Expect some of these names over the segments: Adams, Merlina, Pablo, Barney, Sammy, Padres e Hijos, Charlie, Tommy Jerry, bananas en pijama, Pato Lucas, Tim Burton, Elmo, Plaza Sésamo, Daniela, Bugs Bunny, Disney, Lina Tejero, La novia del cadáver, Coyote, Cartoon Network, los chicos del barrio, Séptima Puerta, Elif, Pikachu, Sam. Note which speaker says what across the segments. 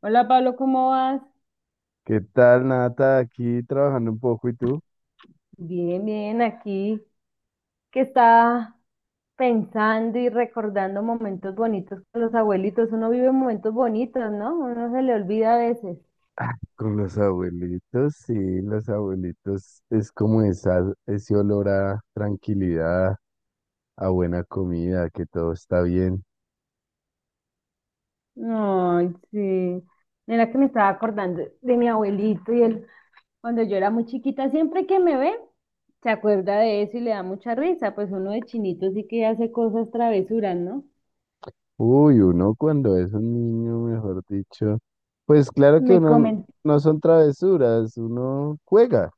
Speaker 1: Hola Pablo, ¿cómo vas?
Speaker 2: ¿Qué tal, Nata? Aquí trabajando un poco, ¿y tú?
Speaker 1: Bien, bien, aquí que está pensando y recordando momentos bonitos con los abuelitos. Uno vive momentos bonitos, ¿no? Uno se le olvida a veces.
Speaker 2: Con los abuelitos, sí, los abuelitos es como ese olor a tranquilidad, a buena comida, que todo está bien.
Speaker 1: Ay, sí. Mira que me estaba acordando de mi abuelito y él, cuando yo era muy chiquita, siempre que me ve, se acuerda de eso y le da mucha risa. Pues uno de chinito sí que hace cosas travesuras, ¿no?
Speaker 2: Uy, uno cuando es un niño, mejor dicho, pues claro que
Speaker 1: Me
Speaker 2: uno
Speaker 1: comen
Speaker 2: no son travesuras, uno juega,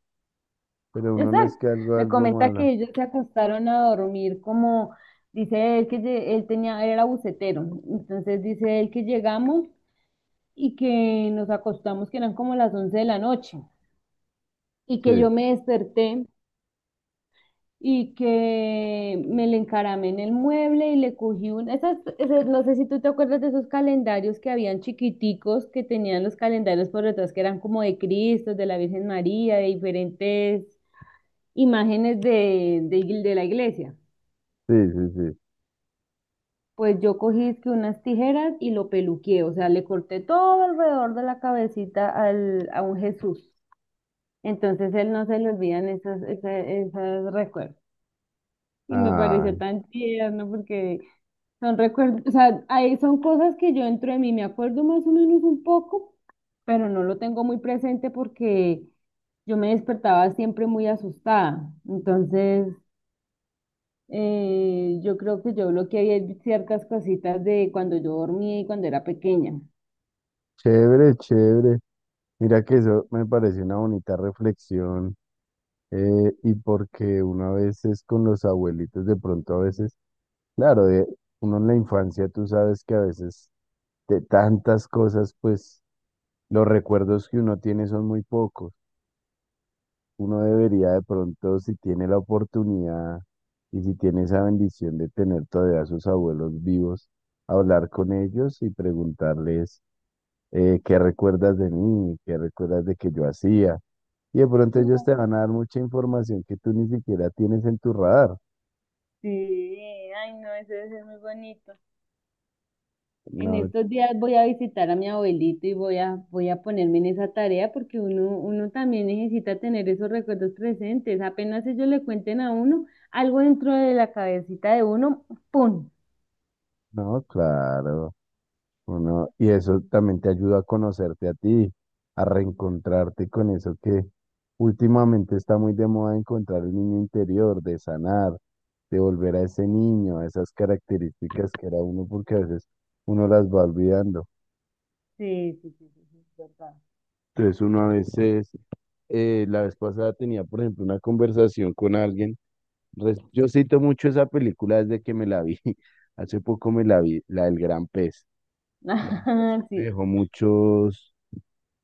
Speaker 2: pero uno no es
Speaker 1: Exacto.
Speaker 2: que algo,
Speaker 1: Me
Speaker 2: algo
Speaker 1: comenta
Speaker 2: malo.
Speaker 1: que ellos se acostaron a dormir como, dice él que él tenía, era bucetero. Entonces dice él que llegamos y que nos acostamos, que eran como las 11 de la noche, y que yo
Speaker 2: Sí,
Speaker 1: me desperté y que me le encaramé en el mueble y le cogí un, no sé si tú te acuerdas de esos calendarios que habían chiquiticos, que tenían los calendarios por detrás, que eran como de Cristo, de la Virgen María, de diferentes imágenes de la iglesia.
Speaker 2: sí, sí, sí.
Speaker 1: Pues yo cogí es que unas tijeras y lo peluqué, o sea, le corté todo alrededor de la cabecita a un Jesús. Entonces él no se le olvidan esas recuerdos. Y me pareció
Speaker 2: Ay,
Speaker 1: tan tierno porque son recuerdos, o sea, ahí son cosas que yo dentro de mí me acuerdo más o menos un poco, pero no lo tengo muy presente porque yo me despertaba siempre muy asustada. Entonces, yo creo que yo bloqueé ciertas cositas de cuando yo dormía y cuando era pequeña.
Speaker 2: chévere, chévere. Mira que eso me parece una bonita reflexión. Y porque una vez es con los abuelitos, de pronto a veces, claro, uno en la infancia tú sabes que a veces de tantas cosas, pues los recuerdos que uno tiene son muy pocos. Uno debería de pronto, si tiene la oportunidad y si tiene esa bendición de tener todavía a sus abuelos vivos, hablar con ellos y preguntarles qué recuerdas de mí, qué recuerdas de que yo hacía. Y de pronto ellos te van a dar mucha información que tú ni siquiera tienes en tu radar.
Speaker 1: Sí, ay no, eso debe ser muy bonito. En
Speaker 2: No,
Speaker 1: estos días voy a visitar a mi abuelito y voy a ponerme en esa tarea porque uno también necesita tener esos recuerdos presentes. Apenas ellos le cuenten a uno algo dentro de la cabecita de uno, ¡pum!
Speaker 2: no, claro. Uno, y eso también te ayuda a conocerte a ti, a reencontrarte con eso que últimamente está muy de moda encontrar el niño interior, de sanar, de volver a ese niño, a esas características que era uno, porque a veces uno las va olvidando.
Speaker 1: Sí, sí, sí, sí, sí, es verdad.
Speaker 2: Entonces uno a veces, la vez pasada tenía, por ejemplo, una conversación con alguien. Yo cito mucho esa película desde que me la vi. Hace poco me la vi, la del gran pez. La verdad es que me
Speaker 1: Sí,
Speaker 2: dejó muchos,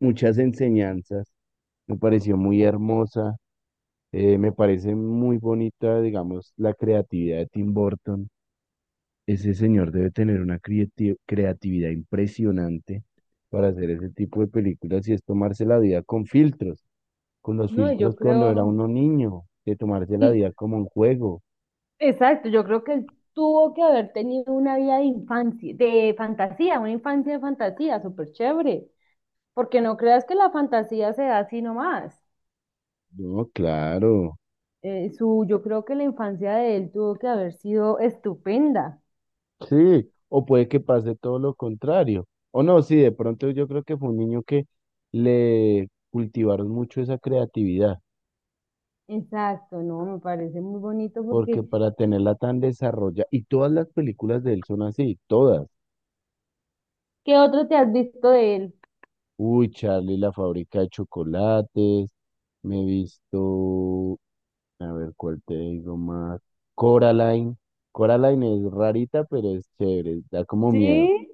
Speaker 2: muchas enseñanzas, me pareció muy hermosa, me parece muy bonita, digamos, la creatividad de Tim Burton. Ese señor debe tener una creatividad impresionante para hacer ese tipo de películas y es tomarse la vida con filtros, con los
Speaker 1: no, yo
Speaker 2: filtros cuando era
Speaker 1: creo.
Speaker 2: uno niño, de tomarse la
Speaker 1: y
Speaker 2: vida como un juego.
Speaker 1: Exacto, yo creo que él tuvo que haber tenido una vida de infancia, de fantasía, una infancia de fantasía, súper chévere, porque no creas que la fantasía se da así nomás.
Speaker 2: No, claro.
Speaker 1: Yo creo que la infancia de él tuvo que haber sido estupenda.
Speaker 2: Sí, o puede que pase todo lo contrario. O no, sí, de pronto yo creo que fue un niño que le cultivaron mucho esa creatividad,
Speaker 1: Exacto, no, me parece muy bonito
Speaker 2: porque
Speaker 1: porque
Speaker 2: para tenerla tan desarrollada, y todas las películas de él son así, todas.
Speaker 1: ¿qué otro te has visto de él?
Speaker 2: Uy, Charlie, la fábrica de chocolates, me he visto, a ver cuál te digo más, Coraline. Coraline es rarita, pero es chévere, da como miedo.
Speaker 1: Sí,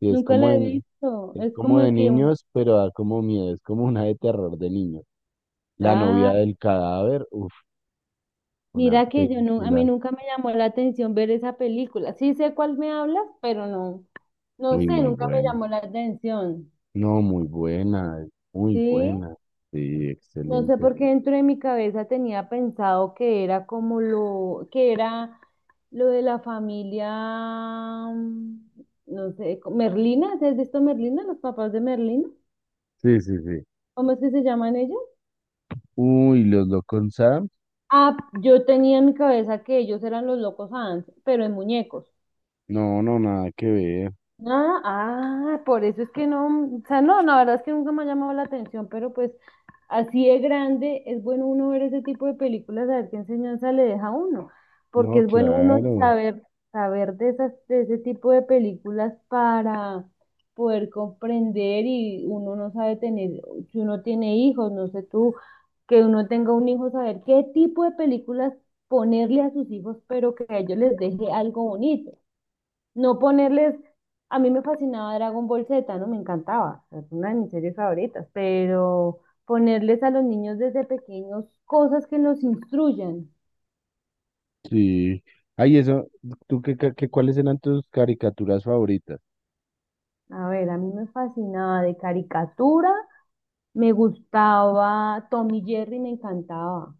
Speaker 2: Sí,
Speaker 1: nunca lo he visto.
Speaker 2: es
Speaker 1: Es
Speaker 2: como
Speaker 1: como
Speaker 2: de
Speaker 1: que, un-
Speaker 2: niños, pero da como miedo, es como una de terror de niños. La novia
Speaker 1: Ah,
Speaker 2: del cadáver, uf, una
Speaker 1: mira que yo no, a mí
Speaker 2: película
Speaker 1: nunca me llamó la atención ver esa película. Sí sé cuál me hablas, pero no. No
Speaker 2: muy,
Speaker 1: sé,
Speaker 2: muy
Speaker 1: nunca me
Speaker 2: buena.
Speaker 1: llamó la atención,
Speaker 2: No, muy buena, muy
Speaker 1: ¿sí?
Speaker 2: buena. Sí,
Speaker 1: No sé
Speaker 2: excelente.
Speaker 1: por qué dentro de mi cabeza tenía pensado que que era lo de la familia, mm, no sé, Merlina, ¿sí? ¿Has visto Merlina? Los papás de Merlina,
Speaker 2: Sí, sí, sí.
Speaker 1: ¿cómo es que se llaman ellos?
Speaker 2: Uy, los locos Sam.
Speaker 1: Ah, yo tenía en mi cabeza que ellos eran los locos Adams, pero en muñecos.
Speaker 2: No, no, nada que ver.
Speaker 1: Ah, ah, por eso es que no, o sea, no, la verdad es que nunca me ha llamado la atención, pero pues así de grande es bueno uno ver ese tipo de películas, a ver qué enseñanza le deja a uno, porque
Speaker 2: No,
Speaker 1: es bueno uno
Speaker 2: claro.
Speaker 1: saber, saber de esas, de ese tipo de películas para poder comprender y uno no sabe tener, si uno tiene hijos, no sé tú, que uno tenga un hijo, saber qué tipo de películas ponerle a sus hijos, pero que a ellos les deje algo bonito. No ponerles, a mí me fascinaba Dragon Ball Z, ¿no? Me encantaba, es una de mis series favoritas, pero ponerles a los niños desde pequeños cosas que los instruyan.
Speaker 2: Sí. Ay, eso, ¿tú cuáles eran tus caricaturas favoritas?
Speaker 1: A ver, a mí me fascinaba de caricatura, me gustaba Tom y Jerry, me encantaba.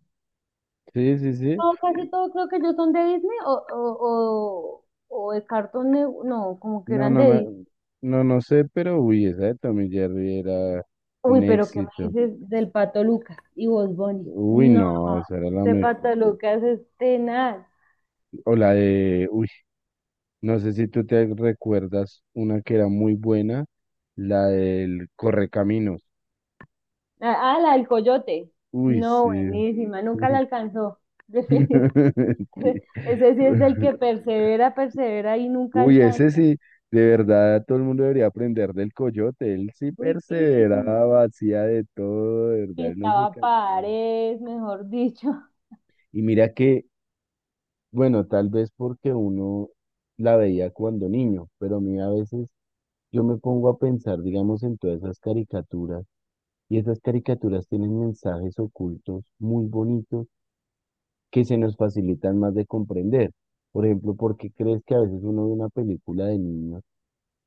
Speaker 2: Sí, sí, sí.
Speaker 1: Todo, casi todo creo que ellos son de Disney o de Cartoon Network, no, como que
Speaker 2: No,
Speaker 1: eran
Speaker 2: no,
Speaker 1: de Disney.
Speaker 2: no, no sé, pero uy, esa de Tommy Jerry era
Speaker 1: Uy,
Speaker 2: un
Speaker 1: pero ¿qué me
Speaker 2: éxito.
Speaker 1: dices del Pato Lucas y Bugs Bunny?
Speaker 2: Uy,
Speaker 1: No,
Speaker 2: no, esa era la
Speaker 1: este
Speaker 2: mejor.
Speaker 1: Pato Lucas es tenaz.
Speaker 2: Uy, no sé si tú te recuerdas una que era muy buena, la del Correcaminos.
Speaker 1: Ah, la del coyote.
Speaker 2: Uy, sí.
Speaker 1: No, buenísima, nunca la alcanzó.
Speaker 2: Sí.
Speaker 1: Ese sí es del que persevera, persevera y nunca
Speaker 2: Uy,
Speaker 1: alcanza.
Speaker 2: ese sí, de verdad todo el mundo debería aprender del Coyote. Él sí
Speaker 1: Uy,
Speaker 2: perseveraba, hacía de todo, de verdad, él no se
Speaker 1: pintaba
Speaker 2: cansó.
Speaker 1: paredes, mejor dicho.
Speaker 2: Y mira que, bueno, tal vez porque uno la veía cuando niño, pero a mí a veces yo me pongo a pensar, digamos, en todas esas caricaturas. Y esas caricaturas tienen mensajes ocultos muy bonitos que se nos facilitan más de comprender. Por ejemplo, ¿por qué crees que a veces uno ve una película de niños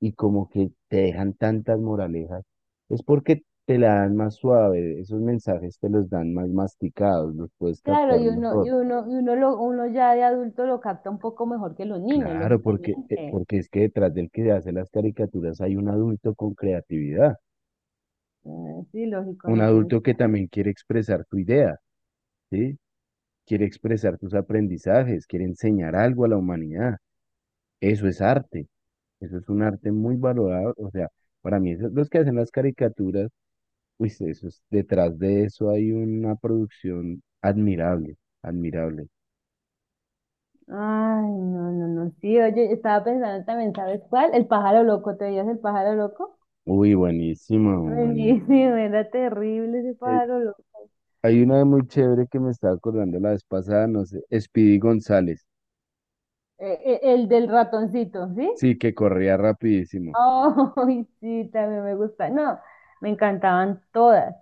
Speaker 2: y como que te dejan tantas moralejas? Es porque te la dan más suave, esos mensajes te los dan más masticados, los puedes
Speaker 1: Claro,
Speaker 2: captar mejor.
Speaker 1: y uno lo, uno ya de adulto lo capta un poco mejor que los niños,
Speaker 2: Claro, porque, eh,
Speaker 1: lógicamente.
Speaker 2: porque es que detrás del que hace las caricaturas hay un adulto con creatividad,
Speaker 1: Ah, sí, lógico,
Speaker 2: un
Speaker 1: no tiene.
Speaker 2: adulto que también quiere expresar su idea, ¿sí? Quiere expresar tus aprendizajes, quiere enseñar algo a la humanidad. Eso es arte, eso es un arte muy valorado. O sea, para mí, los que hacen las caricaturas, uy, detrás de eso hay una producción admirable, admirable.
Speaker 1: Ay, no, no, no. Sí, oye, estaba pensando también, ¿sabes cuál? El pájaro loco, ¿te veías el pájaro loco?
Speaker 2: Uy, buenísimo, bueno.
Speaker 1: Buenísimo, era terrible ese
Speaker 2: Eh,
Speaker 1: pájaro loco.
Speaker 2: hay una muy chévere que me estaba acordando la vez pasada, no sé, Speedy González.
Speaker 1: El del ratoncito, ¿sí?
Speaker 2: Sí, que corría rapidísimo.
Speaker 1: Ay, sí, también me gusta. No, me encantaban todas.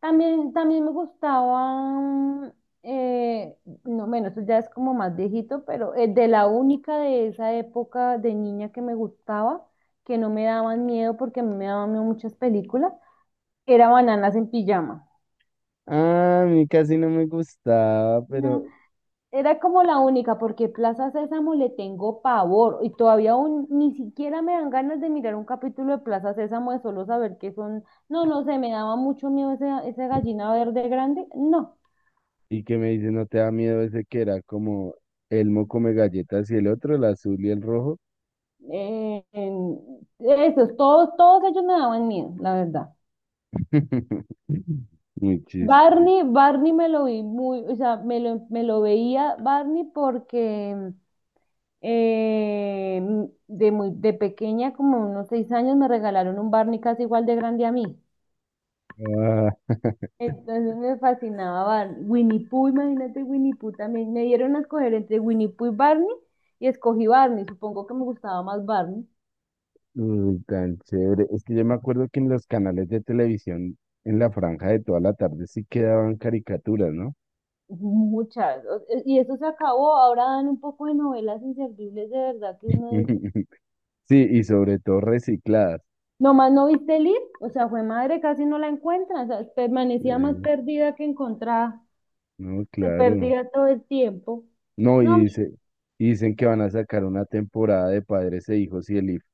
Speaker 1: También me gustaban, eh, no, bueno, eso ya es como más viejito, pero de la única de esa época de niña que me gustaba, que no me daban miedo porque a mí me daban miedo muchas películas, era Bananas en Pijama.
Speaker 2: Ah, a mí casi no me gustaba, pero.
Speaker 1: Era como la única, porque Plaza Sésamo le tengo pavor y todavía aún ni siquiera me dan ganas de mirar un capítulo de Plaza Sésamo de solo saber que son, no, no sé, me daba mucho miedo ese gallina verde grande, no,
Speaker 2: Y que me dice, ¿no te da miedo ese que era como Elmo come galletas y el otro, el azul y el rojo?
Speaker 1: eh, en- esos, todos, todos ellos me daban miedo, la verdad.
Speaker 2: Muy chistoso.
Speaker 1: Barney me lo vi muy, o sea, me lo veía Barney porque eh, de pequeña, como unos 6 años, me regalaron un Barney casi igual de grande a mí.
Speaker 2: Ah,
Speaker 1: Entonces me fascinaba Barney. Winnie Pooh, imagínate Winnie Pooh también. Me dieron a escoger entre Winnie Pooh y Barney y escogí Barney. Supongo que me gustaba más Barney.
Speaker 2: uy, tan chévere. Es que yo me acuerdo que en los canales de televisión, en la franja de toda la tarde, sí quedaban caricaturas, ¿no?
Speaker 1: Muchas. Y eso se acabó. Ahora dan un poco de novelas inservibles de verdad que uno dice.
Speaker 2: Sí, y sobre todo recicladas.
Speaker 1: Nomás no viste Lid, o sea, fue madre, casi no la encuentran. O sea,
Speaker 2: Sí,
Speaker 1: permanecía más perdida que encontrada.
Speaker 2: no,
Speaker 1: Se
Speaker 2: claro.
Speaker 1: perdía todo el tiempo.
Speaker 2: No,
Speaker 1: No,
Speaker 2: y dicen que van a sacar una temporada de Padres e Hijos y el IF.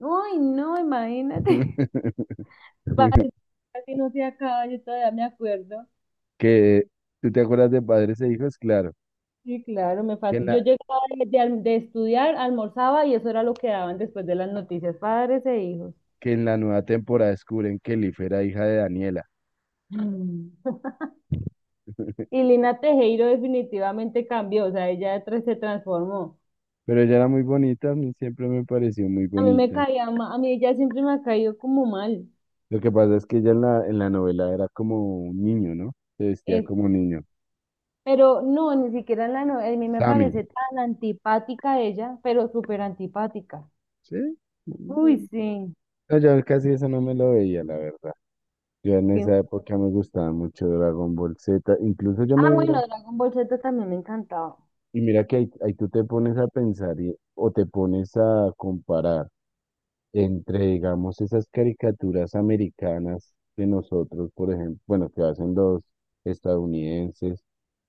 Speaker 1: uy, no, imagínate. Padre, Casi no se acaba, yo todavía me acuerdo.
Speaker 2: Que, ¿Tú te acuerdas de Padres e Hijos? Claro.
Speaker 1: Sí, claro,
Speaker 2: que en
Speaker 1: yo
Speaker 2: la,
Speaker 1: llegaba de estudiar, almorzaba y eso era lo que daban después de las noticias, padres e hijos.
Speaker 2: que en la nueva temporada descubren que Elif era hija de Daniela.
Speaker 1: Mm. Y Lina Tejero definitivamente cambió, o sea, ella de tres se transformó.
Speaker 2: Pero ella era muy bonita, a mí siempre me pareció muy
Speaker 1: A mí me
Speaker 2: bonita.
Speaker 1: caía a mí ella siempre me ha caído como mal.
Speaker 2: Lo que pasa es que ella en la novela era como un niño, ¿no? Se vestía
Speaker 1: Es-
Speaker 2: como un niño.
Speaker 1: pero no, ni siquiera en la novela, a mí me
Speaker 2: Sammy,
Speaker 1: parece tan antipática ella, pero súper antipática.
Speaker 2: ¿sí?
Speaker 1: Uy,
Speaker 2: Mm,
Speaker 1: sí,
Speaker 2: no, yo casi eso no me lo veía, la verdad. Yo en
Speaker 1: sí.
Speaker 2: esa época me gustaba mucho Dragon Ball Z. Incluso yo me
Speaker 1: Ah,
Speaker 2: mira,
Speaker 1: bueno, Dragon Ball Z también me encantaba.
Speaker 2: y mira que ahí tú te pones a pensar o te pones a comparar. Entre, digamos, esas caricaturas americanas que nosotros, por ejemplo, bueno, que hacen los estadounidenses,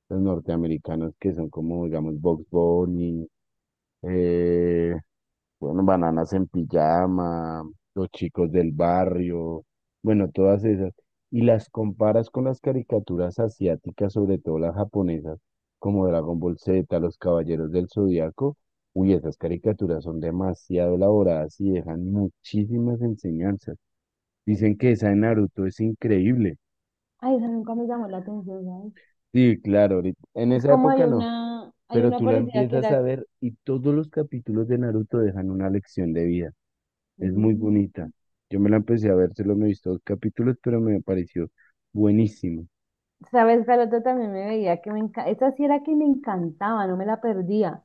Speaker 2: los norteamericanos, que son como, digamos, Bugs Bunny, eh, bueno, bananas en pijama, los chicos del barrio, bueno, todas esas. Y las comparas con las caricaturas asiáticas, sobre todo las japonesas, como Dragon Ball Z, Los Caballeros del Zodiaco. Uy, esas caricaturas son demasiado elaboradas y dejan muchísimas enseñanzas. Dicen que esa de Naruto es increíble.
Speaker 1: Ay, esa nunca me llamó la atención, ¿sabes?
Speaker 2: Sí, claro, en
Speaker 1: Es
Speaker 2: esa
Speaker 1: como
Speaker 2: época no,
Speaker 1: hay
Speaker 2: pero
Speaker 1: una
Speaker 2: tú la
Speaker 1: parecida que
Speaker 2: empiezas
Speaker 1: era,
Speaker 2: a ver y todos los capítulos de Naruto dejan una lección de vida. Es muy
Speaker 1: mm,
Speaker 2: bonita. Yo me la empecé a ver, solo me he visto dos capítulos, pero me pareció buenísimo.
Speaker 1: ¿sabes? La otra también me veía que me encantaba. Esa sí era que me encantaba, no me la perdía.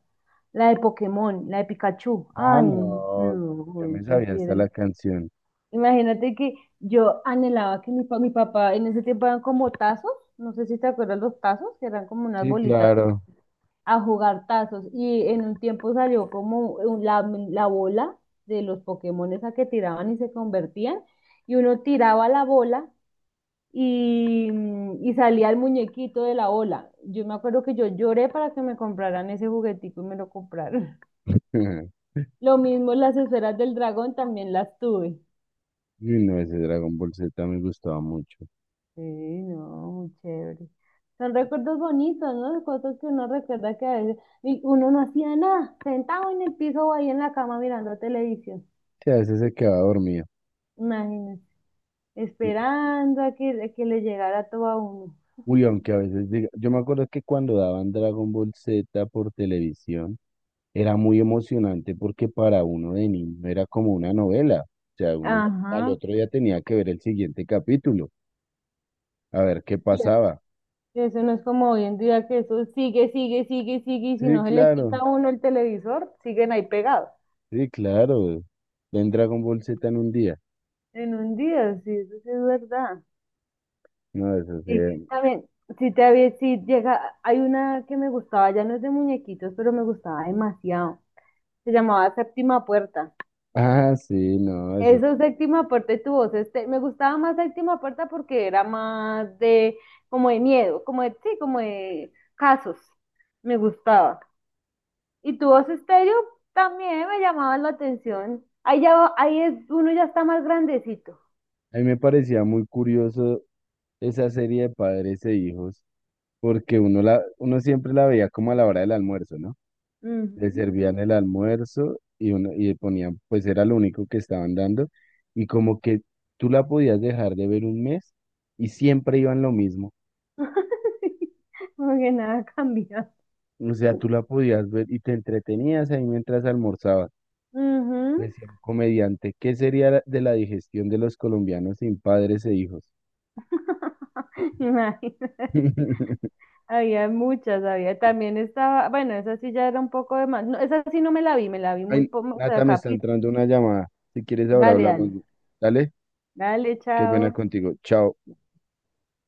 Speaker 1: La de Pokémon, la de Pikachu.
Speaker 2: Ah,
Speaker 1: Ay,
Speaker 2: no,
Speaker 1: no,
Speaker 2: yo me
Speaker 1: eso
Speaker 2: sabía
Speaker 1: sí
Speaker 2: hasta
Speaker 1: era-
Speaker 2: la canción.
Speaker 1: Imagínate que yo anhelaba que mi papá, en ese tiempo eran como tazos, no sé si te acuerdas los tazos, que eran como unas
Speaker 2: Sí,
Speaker 1: bolitas
Speaker 2: claro.
Speaker 1: a jugar tazos. Y en un tiempo salió como la bola de los Pokémon esa que tiraban y se convertían y uno tiraba la bola y, y salía el muñequito de la ola. Yo me acuerdo que yo lloré para que me compraran ese juguetico y me lo compraron. Lo mismo las esferas del dragón también las tuve.
Speaker 2: Uy, no, ese Dragon Ball Z me gustaba mucho.
Speaker 1: Sí, no, muy chévere. Son recuerdos bonitos, ¿no? Cosas que uno recuerda que a veces y uno no hacía nada, sentado en el piso o ahí en la cama mirando televisión.
Speaker 2: Sí, a veces se quedaba dormido.
Speaker 1: Imagínense, esperando a a que le llegara todo a uno.
Speaker 2: Uy, aunque a veces diga, yo me acuerdo que cuando daban Dragon Ball Z por televisión, era muy emocionante porque para uno de niño era como una novela. O sea, uno al
Speaker 1: Ajá.
Speaker 2: otro día tenía que ver el siguiente capítulo, a ver qué pasaba.
Speaker 1: Eso no es como hoy en día que eso sigue, y si
Speaker 2: Sí,
Speaker 1: no se le quita
Speaker 2: claro.
Speaker 1: a uno el televisor, siguen ahí pegados.
Speaker 2: Sí, claro. En Dragon Ball Z en un día.
Speaker 1: En un día, sí, eso sí es verdad.
Speaker 2: No, eso sí.
Speaker 1: Sí, también, si llega, hay una que me gustaba, ya no es de muñequitos, pero me gustaba demasiado. Se llamaba Séptima Puerta.
Speaker 2: Ah, sí, no, eso.
Speaker 1: Eso Séptima Puerta y tu voz, me gustaba más Séptima Puerta porque era más de, como de miedo, como de, sí, como de casos. Me gustaba. Y tu voz estéreo también me llamaba la atención. Ahí ya, ahí es, uno ya está más grandecito.
Speaker 2: A mí me parecía muy curioso esa serie de Padres e Hijos, porque uno siempre la veía como a la hora del almuerzo, ¿no? Le
Speaker 1: Ujú.
Speaker 2: servían el almuerzo y ponían, pues era lo único que estaban dando, y como que tú la podías dejar de ver un mes y siempre iban lo mismo.
Speaker 1: Como que nada cambia.
Speaker 2: O sea, tú la podías ver y te entretenías ahí mientras almorzabas.
Speaker 1: Ujú.
Speaker 2: Decía un comediante, ¿qué sería de la digestión de los colombianos sin Padres e Hijos?
Speaker 1: Imagínate. Había muchas, había. También estaba, bueno, esa sí ya era un poco de más. No, esa sí no me la vi, me la vi muy
Speaker 2: Ay,
Speaker 1: poco
Speaker 2: Nata, me está
Speaker 1: capítulo.
Speaker 2: entrando una llamada. Si quieres, ahora
Speaker 1: Dale,
Speaker 2: hablamos.
Speaker 1: dale.
Speaker 2: Dale,
Speaker 1: Dale,
Speaker 2: qué pena
Speaker 1: chao.
Speaker 2: contigo. Chao.